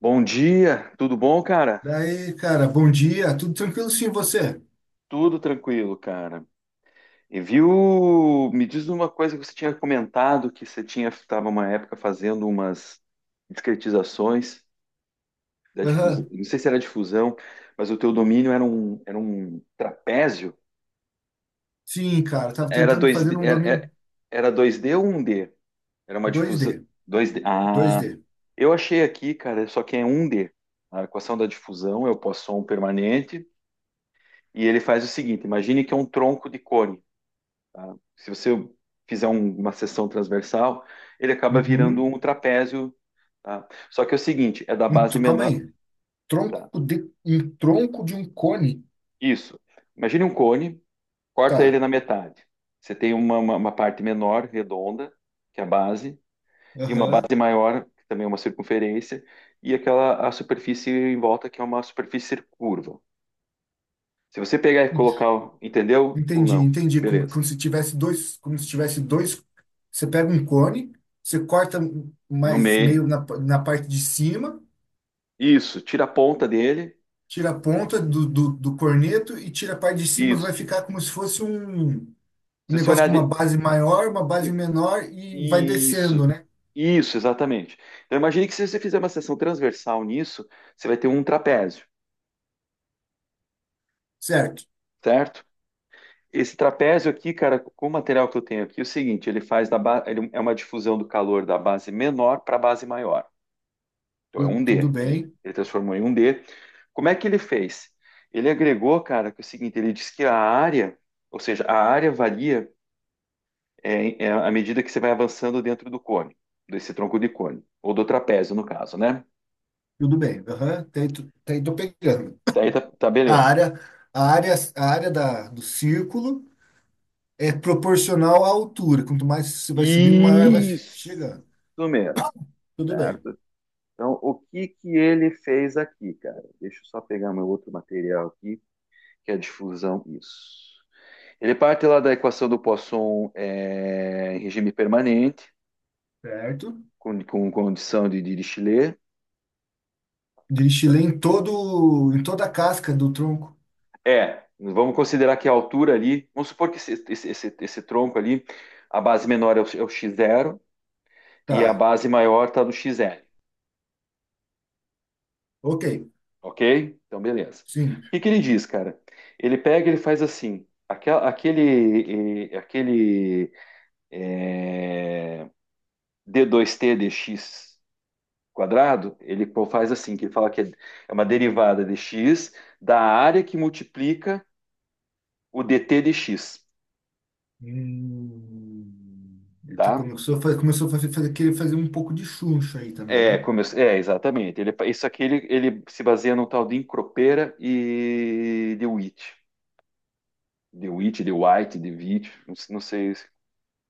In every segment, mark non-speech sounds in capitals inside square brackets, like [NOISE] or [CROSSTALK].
Bom dia, tudo bom, cara? Daí, cara, bom dia, tudo tranquilo sim, você? Tudo tranquilo, cara. E viu? Me diz uma coisa que você tinha comentado que você tinha estava uma época fazendo umas discretizações da difusão. Aham. Não sei se era difusão, mas o teu domínio era um trapézio. Sim, cara, tava Era tentando dois fazer d um era, era domínio era 2D ou um d. Era uma dois difusão d dois d. dois Ah, d eu achei aqui, cara, só que é um d. A equação da difusão é o Poisson permanente e ele faz o seguinte: imagine que é um tronco de cone, tá? Se você fizer uma seção transversal, ele acaba virando Uhum. um trapézio, tá? Só que é o seguinte, é da base Calma menor, aí, tá? Um tronco de um cone. Isso. Imagine um cone, corta Tá. ele na metade. Você tem uma parte menor, redonda, que é a base, e uma Aham. base maior, que também é uma circunferência, e aquela a superfície em volta, que é uma superfície curva. Se você pegar e colocar, entendeu ou Entendi, não? entendi, Beleza. como se tivesse dois. Você pega um cone, você corta um, No mais meio, meio na parte de cima, isso, tira a ponta dele, tira a ponta do corneto e tira a parte de cima, vai isso. ficar como se fosse um. Um Se você negócio olhar com uma de, base maior, uma base menor e vai descendo, Isso, né? isso, exatamente. Então, imagine que se você fizer uma seção transversal nisso, você vai ter um trapézio, Certo. certo? Esse trapézio aqui, cara, com o material que eu tenho aqui, é o seguinte: ele faz da ba... ele é uma difusão do calor da base menor para a base maior. Então, é um Tudo D. Ele, bem, ele transformou em um D. Como é que ele fez? Ele agregou, cara, que é o seguinte: ele diz que a área, ou seja, a área varia é à medida que você vai avançando dentro do cone, desse tronco de cone, ou do trapézio, no caso, né? tudo bem. Aham. Tem, tô pegando. Tá, aí tá, tá, A beleza. área, a área do círculo é proporcional à altura. Quanto mais você vai subindo, maior Isso chegando. mesmo, Tudo bem. certo? Então, o que que ele fez aqui, cara? Deixa eu só pegar meu outro material aqui, que é a difusão. Isso. Ele parte lá da equação do Poisson é, em regime permanente, Certo. Com condição de Dirichlet. Destilei em toda a casca do tronco. É, vamos considerar que a altura ali, vamos supor que esse tronco ali, a base menor é o x zero e a Tá. base maior está no xn. Ok. Ok? Então, beleza. Sim. O que que ele diz, cara? Ele pega, ele faz assim, aquele d dois t dx quadrado, faz assim, que ele fala que é uma derivada de x da área que multiplica o dt dx, Hum, então tá? Começou a querer fazer um pouco de chuncho aí também, É, né? É exatamente. Isso aqui ele, ele se baseia no tal de Encropera e de Witt. De Witt, de White, de Witt, não sei, não sei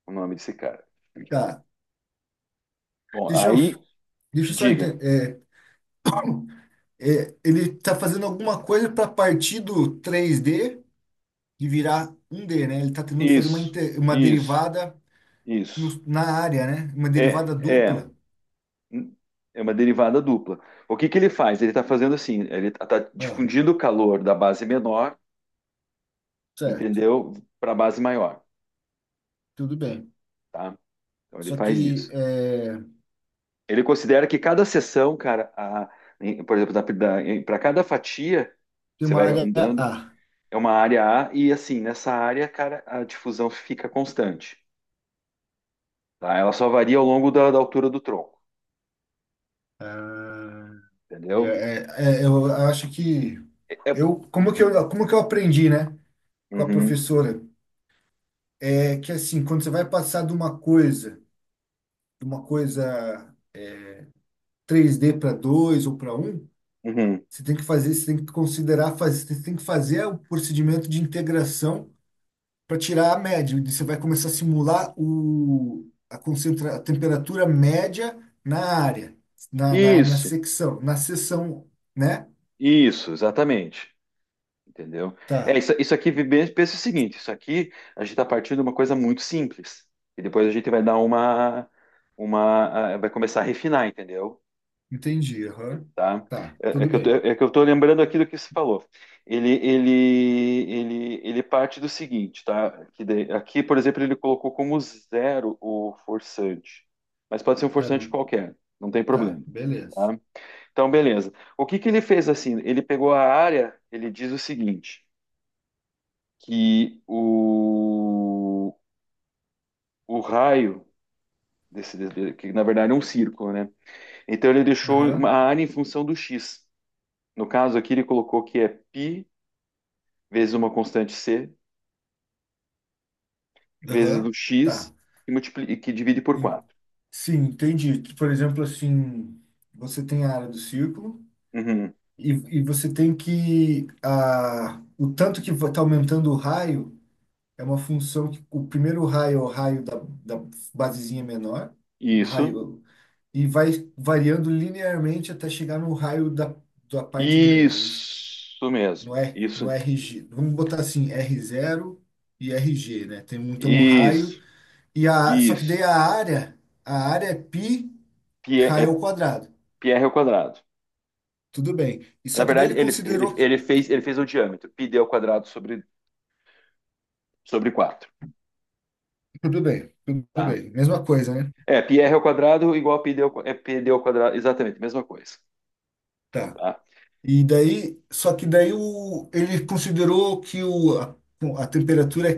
o nome desse cara. Tá. Bom, Deixa eu, aí, Deixa eu só diga. entender. Ele está fazendo alguma coisa para partir do três d e virar um d, né? Ele está tentando fazer Isso, uma isso, derivada isso. na área, né? Uma É, derivada é, dupla. é, uma derivada dupla. O que que ele faz? Ele está fazendo assim, ele está Ah, difundindo o calor da base menor, certo. entendeu? Para a base maior, Tudo bem. tá? Então ele Só faz que isso. é, Ele considera que cada seção, cara, por exemplo, para cada fatia, tem você uma vai área andando, A. é uma área A e assim, nessa área, cara, a difusão fica constante, tá? Ela só varia ao longo da, da altura do tronco, Ah, entendeu? é- eu acho que É, é- como que eu aprendi, né? Com a uhum, professora. É que assim, quando você vai passar de uma coisa 3D para dois ou para um, uhum. você tem que você tem que você tem que fazer o procedimento de integração para tirar a média. E você vai começar a simular a temperatura média na área, na Isso, na seção, né? isso, exatamente. Entendeu? É, Tá, isso, pensa o seguinte, isso aqui a gente está partindo de uma coisa muito simples. E depois a gente vai dar vai começar a refinar, entendeu? entendi. Aham. Tá? Tá, É, é tudo que eu tô, bem. é que eu tô lembrando aqui do que você falou. Ele, ele, ele parte do seguinte, tá? Que daí- aqui, por exemplo, ele colocou como zero o forçante. Mas pode ser um Tá, forçante não, qualquer, não tem tá, problema, beleza. tá? Então, beleza. O que que ele fez assim? Ele pegou a área, ele diz o seguinte, que o raio que na verdade é um círculo, né? Então ele deixou uma Aham, a área em função do x. No caso aqui ele colocou que é π vezes uma constante c vezes o aham, x tá. Que divide por En- quatro. Sim, entendi. Por exemplo, assim, você tem a área do círculo. Uhum. E, e você tem que. O tanto que está aumentando o raio é uma função que o primeiro raio é o raio da basezinha menor, o Isso. raio, e vai variando linearmente até chegar no raio da parte grande, é isso? Isso No mesmo. R, no Isso. RG. Vamos botar assim, r zero e RG, né? Então o raio. Isso. E a, só que daí Isso. A área é π Pi é raio ao quadrado. pi r ao quadrado. Tudo bem. E Na só que daí verdade, ele ele, ele, considerou. ele fez, ele fez o diâmetro, πd ao quadrado sobre, sobre quatro, Tudo bem, tudo tá? bem. Mesma coisa, né? É, πr ao quadrado igual a é πd ao quadrado, exatamente, mesma coisa, Tá. tá? E daí, só que daí ele considerou a temperatura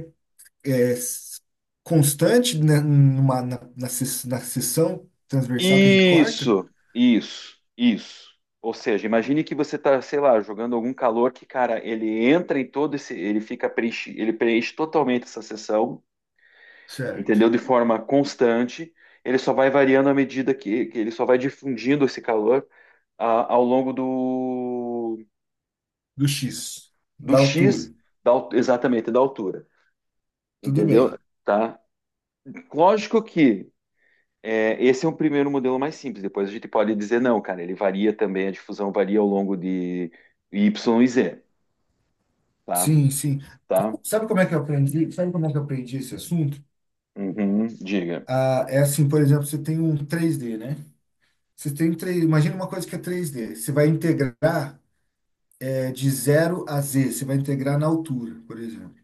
é s- constante na numa, na, na, ses- na seção transversal que a gente corta, Isso, isso, isso. Ou seja, imagine que você está, sei lá, jogando algum calor que, cara, ele entra em todo esse, ele preenche totalmente essa seção, certo? entendeu? De forma constante, ele só vai variando à medida que ele só vai difundindo esse calor ao longo do Do X, do da altura. X, exatamente, da altura. Tudo Entendeu? bem. Tá? Lógico que esse é um primeiro modelo mais simples. Depois a gente pode dizer, não, cara, ele varia também, a difusão varia ao longo de Y e Z. Tá? Sim, sim. Tá? Sabe como é que eu aprendi? Sabe como é que eu aprendi esse assunto? Uhum, diga. Ah, é assim, por exemplo, você tem um três d, né? Você tem um 3, imagina uma coisa que é três d. Você vai integrar É de zero a Z, você vai integrar na altura, por exemplo,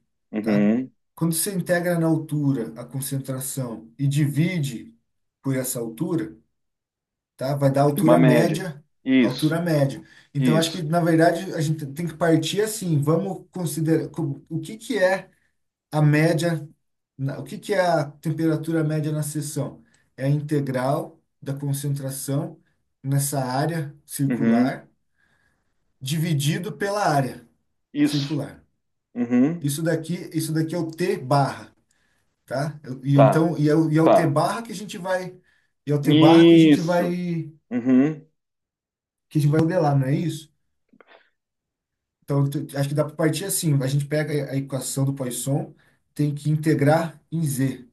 tá? Uhum. Quando você integra na altura a concentração e divide por essa altura, tá? Vai dar Tem uma altura média. média, Isso, altura média. Então, acho que, isso. na verdade, a gente tem que partir assim. Vamos considerar o que que é a média, o que que é a temperatura média na seção? É a integral da concentração nessa área Uhum, circular dividido pela área isso. circular. Uhum, Isso daqui é o T barra, tá? E tá, então, e é o T tá. barra que a gente vai, e é o T barra que a gente Isso. vai, Uhum, que a gente vai modelar, não é isso? Então, acho que dá para partir assim. A gente pega a equação do Poisson, tem que integrar em Z,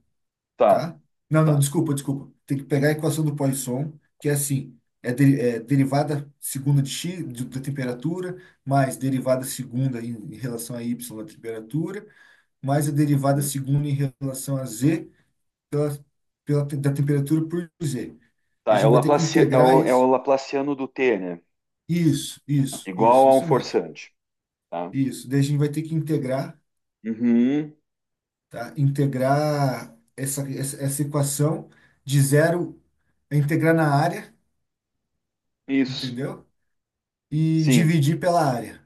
tá, tá? Não, não, tá. desculpa, desculpa. Tem que pegar a equação do Poisson, que é assim, é derivada segunda de x da temperatura, mais derivada segunda em relação a y da temperatura, mais a derivada segunda em relação a z pela, da temperatura por Z. E a Tá, gente vai ter que é integrar o, é o isso. Laplaciano do T, né? Isso, isso, Igual isso, a um isso mesmo. forçante, tá? Isso. Daí a gente vai ter que integrar, Uhum, tá? Integrar essa equação de zero, é integrar na área, isso. entendeu? E Sim. dividir pela área.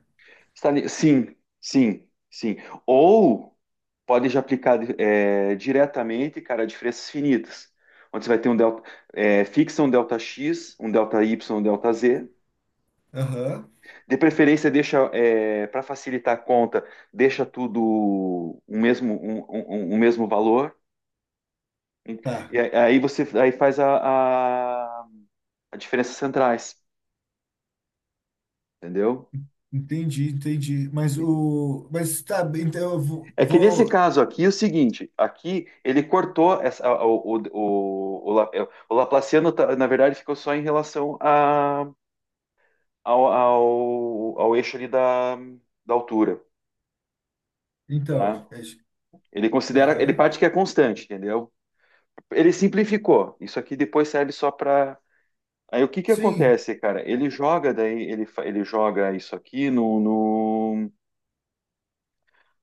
Sim, sim, sim. Ou pode já aplicar diretamente, cara, diferenças finitas. Onde você vai ter um delta, fixa um delta x, um delta y, um delta z. Aham, De preferência, deixa, para facilitar a conta, deixa tudo o mesmo, um mesmo valor. E tá. aí você aí faz a diferenças centrais, entendeu? Entendi, entendi. Mas o. Mas tá, bem, então eu vou. É que nesse caso aqui é o seguinte, aqui ele cortou o, o, o, La- é, o Laplaciano, tá- na verdade, ficou só em relação ao eixo ali da, da altura, Então, tá? Isso. Ele considera, ele Aham. parte que é constante, entendeu? Ele simplificou. Isso aqui depois serve só para. Aí o que que Sim, acontece, cara? Ele joga daí, ele joga isso aqui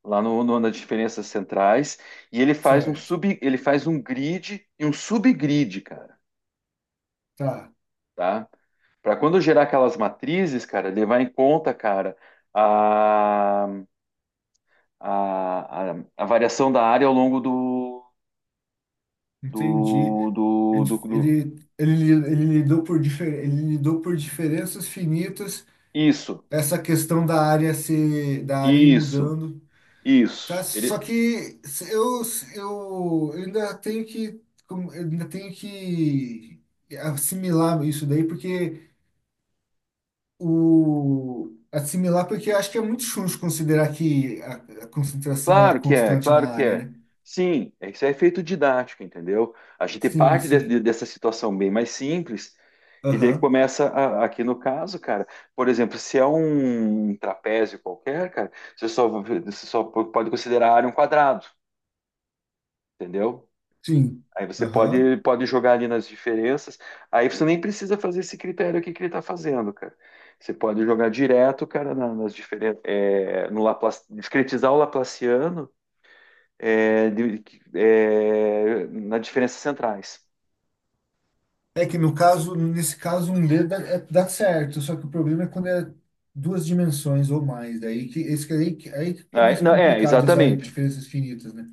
lá nas diferenças centrais e ele faz um certo. sub, ele faz um grid e um subgrid, cara, Tá, tá? Para quando gerar aquelas matrizes, cara, levar em conta, cara, a, a variação da área ao longo do, entendi. do, do, do, do- Ele lidou ele lidou por diferenças finitas, Isso, essa questão da área ir isso, mudando, tá? isso. Só que eu ainda tenho que, eu ainda tenho que assimilar isso daí, porque assimilar, porque eu acho que é muito chuncho considerar que a concentração é Claro que é, constante na claro que área, é. né? Sim, isso é efeito didático, entendeu? A gente Sim, parte sim. dessa situação bem mais simples e daí Aham. começa a- aqui no caso, cara, por exemplo, se é um trapézio qualquer, cara, você só pode considerar a área um quadrado. Entendeu? Sim. Aí você Aham. pode, pode jogar ali nas diferenças. Aí você nem precisa fazer esse critério aqui que ele está fazendo, cara. Você pode jogar direto, cara, nas diferenças, no Laplace, discretizar o Laplaciano é, de- nas diferenças centrais. É que no caso, nesse caso, dá certo, só que o problema é quando é duas dimensões ou mais, daí que esse que é aí, é aí que começa a Não, é, complicar de usar exatamente. diferenças finitas, né?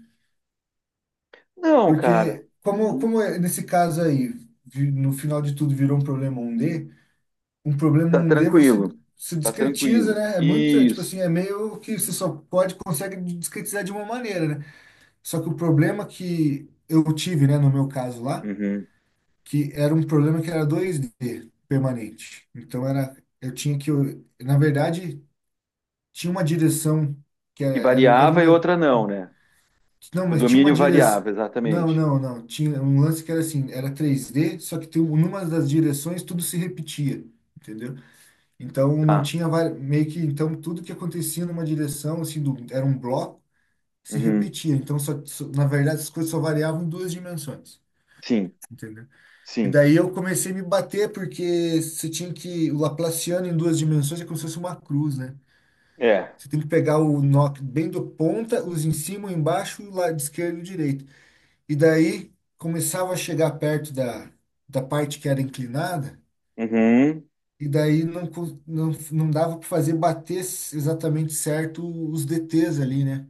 Não, cara, Porque não, como é nesse caso aí, no final de tudo virou um problema um d, tá você tranquilo, se tá discretiza, tranquilo. né? Tipo Isso. assim, é meio que você só pode consegue discretizar de uma maneira, né? Só que o problema que eu tive, né, no meu caso lá, Uhum. que era um problema que era 2D permanente. Então era, eu tinha que, eu, na verdade, tinha uma direção que Que era variava e outra não, né? não, O mas tinha uma domínio direção. variava, Não, exatamente. não, não, tinha um lance que era assim, era 3D, só que tem, numa das direções tudo se repetia, entendeu? Então não Tá. tinha meio que, então tudo que acontecia numa direção, assim, era um bloco, se Uhum. repetia. Então só, na verdade as coisas só variavam em duas dimensões, Sim, entendeu? E sim. daí eu comecei a me bater, porque você tinha que. O Laplaciano em duas dimensões é como se fosse uma cruz, né? É. Você tem que pegar o nó bem do ponta, os em cima, o embaixo, o lado esquerdo e o direito. E daí começava a chegar perto da parte que era inclinada, Uhum. e daí não, não, não dava para fazer bater exatamente certo os DTs ali, né?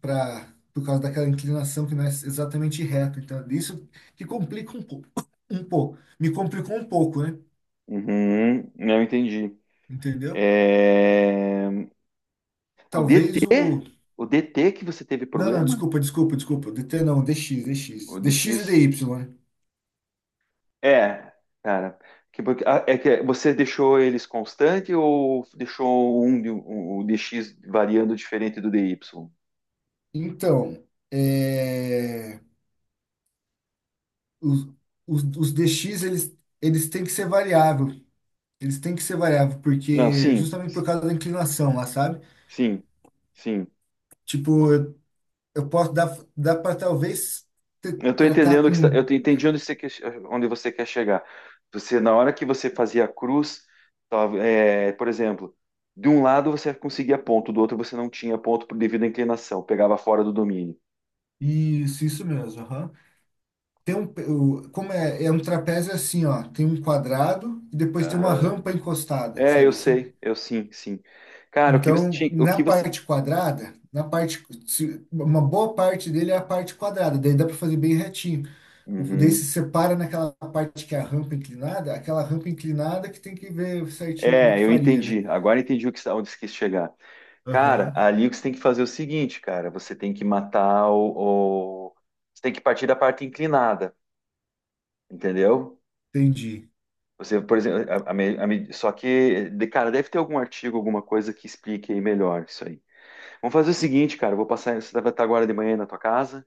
Por causa daquela inclinação que não é exatamente reta. Então, isso que complica um pouco. [COUGHS] Um pouco. Me complicou um pouco, né? Uhum. Não entendi. Entendeu? É, o DT? Talvez o. O DT que você teve Não, não, problema? desculpa, desculpa, desculpa. DT não, DX O DX e DX? DY, né? É, cara. É que você deixou eles constante ou deixou o DX variando diferente do DY? Então, é, os, os DX, eles têm que ser variável. Eles têm que ser variável, Não, porque sim, justamente por causa da inclinação lá, sabe? sim, sim. Tipo, eu posso dar, dá para talvez Eu estou tratar entendendo o que está, com. Entendi onde você quer chegar. Você, na hora que você fazia a cruz, tava, por exemplo, de um lado você conseguia ponto, do outro você não tinha ponto por devido à inclinação, pegava fora do domínio. Isso mesmo. Aham. Tem como é um trapézio assim, ó. Tem um quadrado e depois tem uma Aham. rampa encostada, É, sabe eu assim? sei, eu sim, sim. Cara, o que você Então, tinha, o na que você, parte quadrada, na parte, se- uma boa parte dele é a parte quadrada, daí dá para fazer bem retinho. O, daí uhum. se separa naquela parte que é a rampa inclinada, aquela rampa inclinada que tem que ver certinho como é que É, eu faria, né? entendi. Agora entendi onde você quis chegar. Cara, Aham, ali o que você tem que fazer é o seguinte, cara, você tem que partir da parte inclinada, entendeu? entendi. Você, por exemplo, só que, cara, deve ter algum artigo, alguma coisa que explique aí melhor isso aí. Vamos fazer o seguinte, cara, eu vou passar, você vai estar agora de manhã aí na tua casa.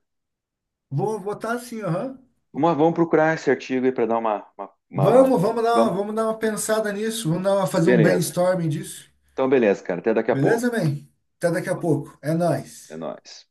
Vou botar assim, aham. Vamos, vamos procurar esse artigo aí para dar uma. Vamos dar uma, Vamos, vamos dar uma pensada nisso, fazer um beleza. brainstorming disso. Então, beleza, cara, até daqui a pouco. Beleza, man? Até daqui a pouco. É É nóis. nóis.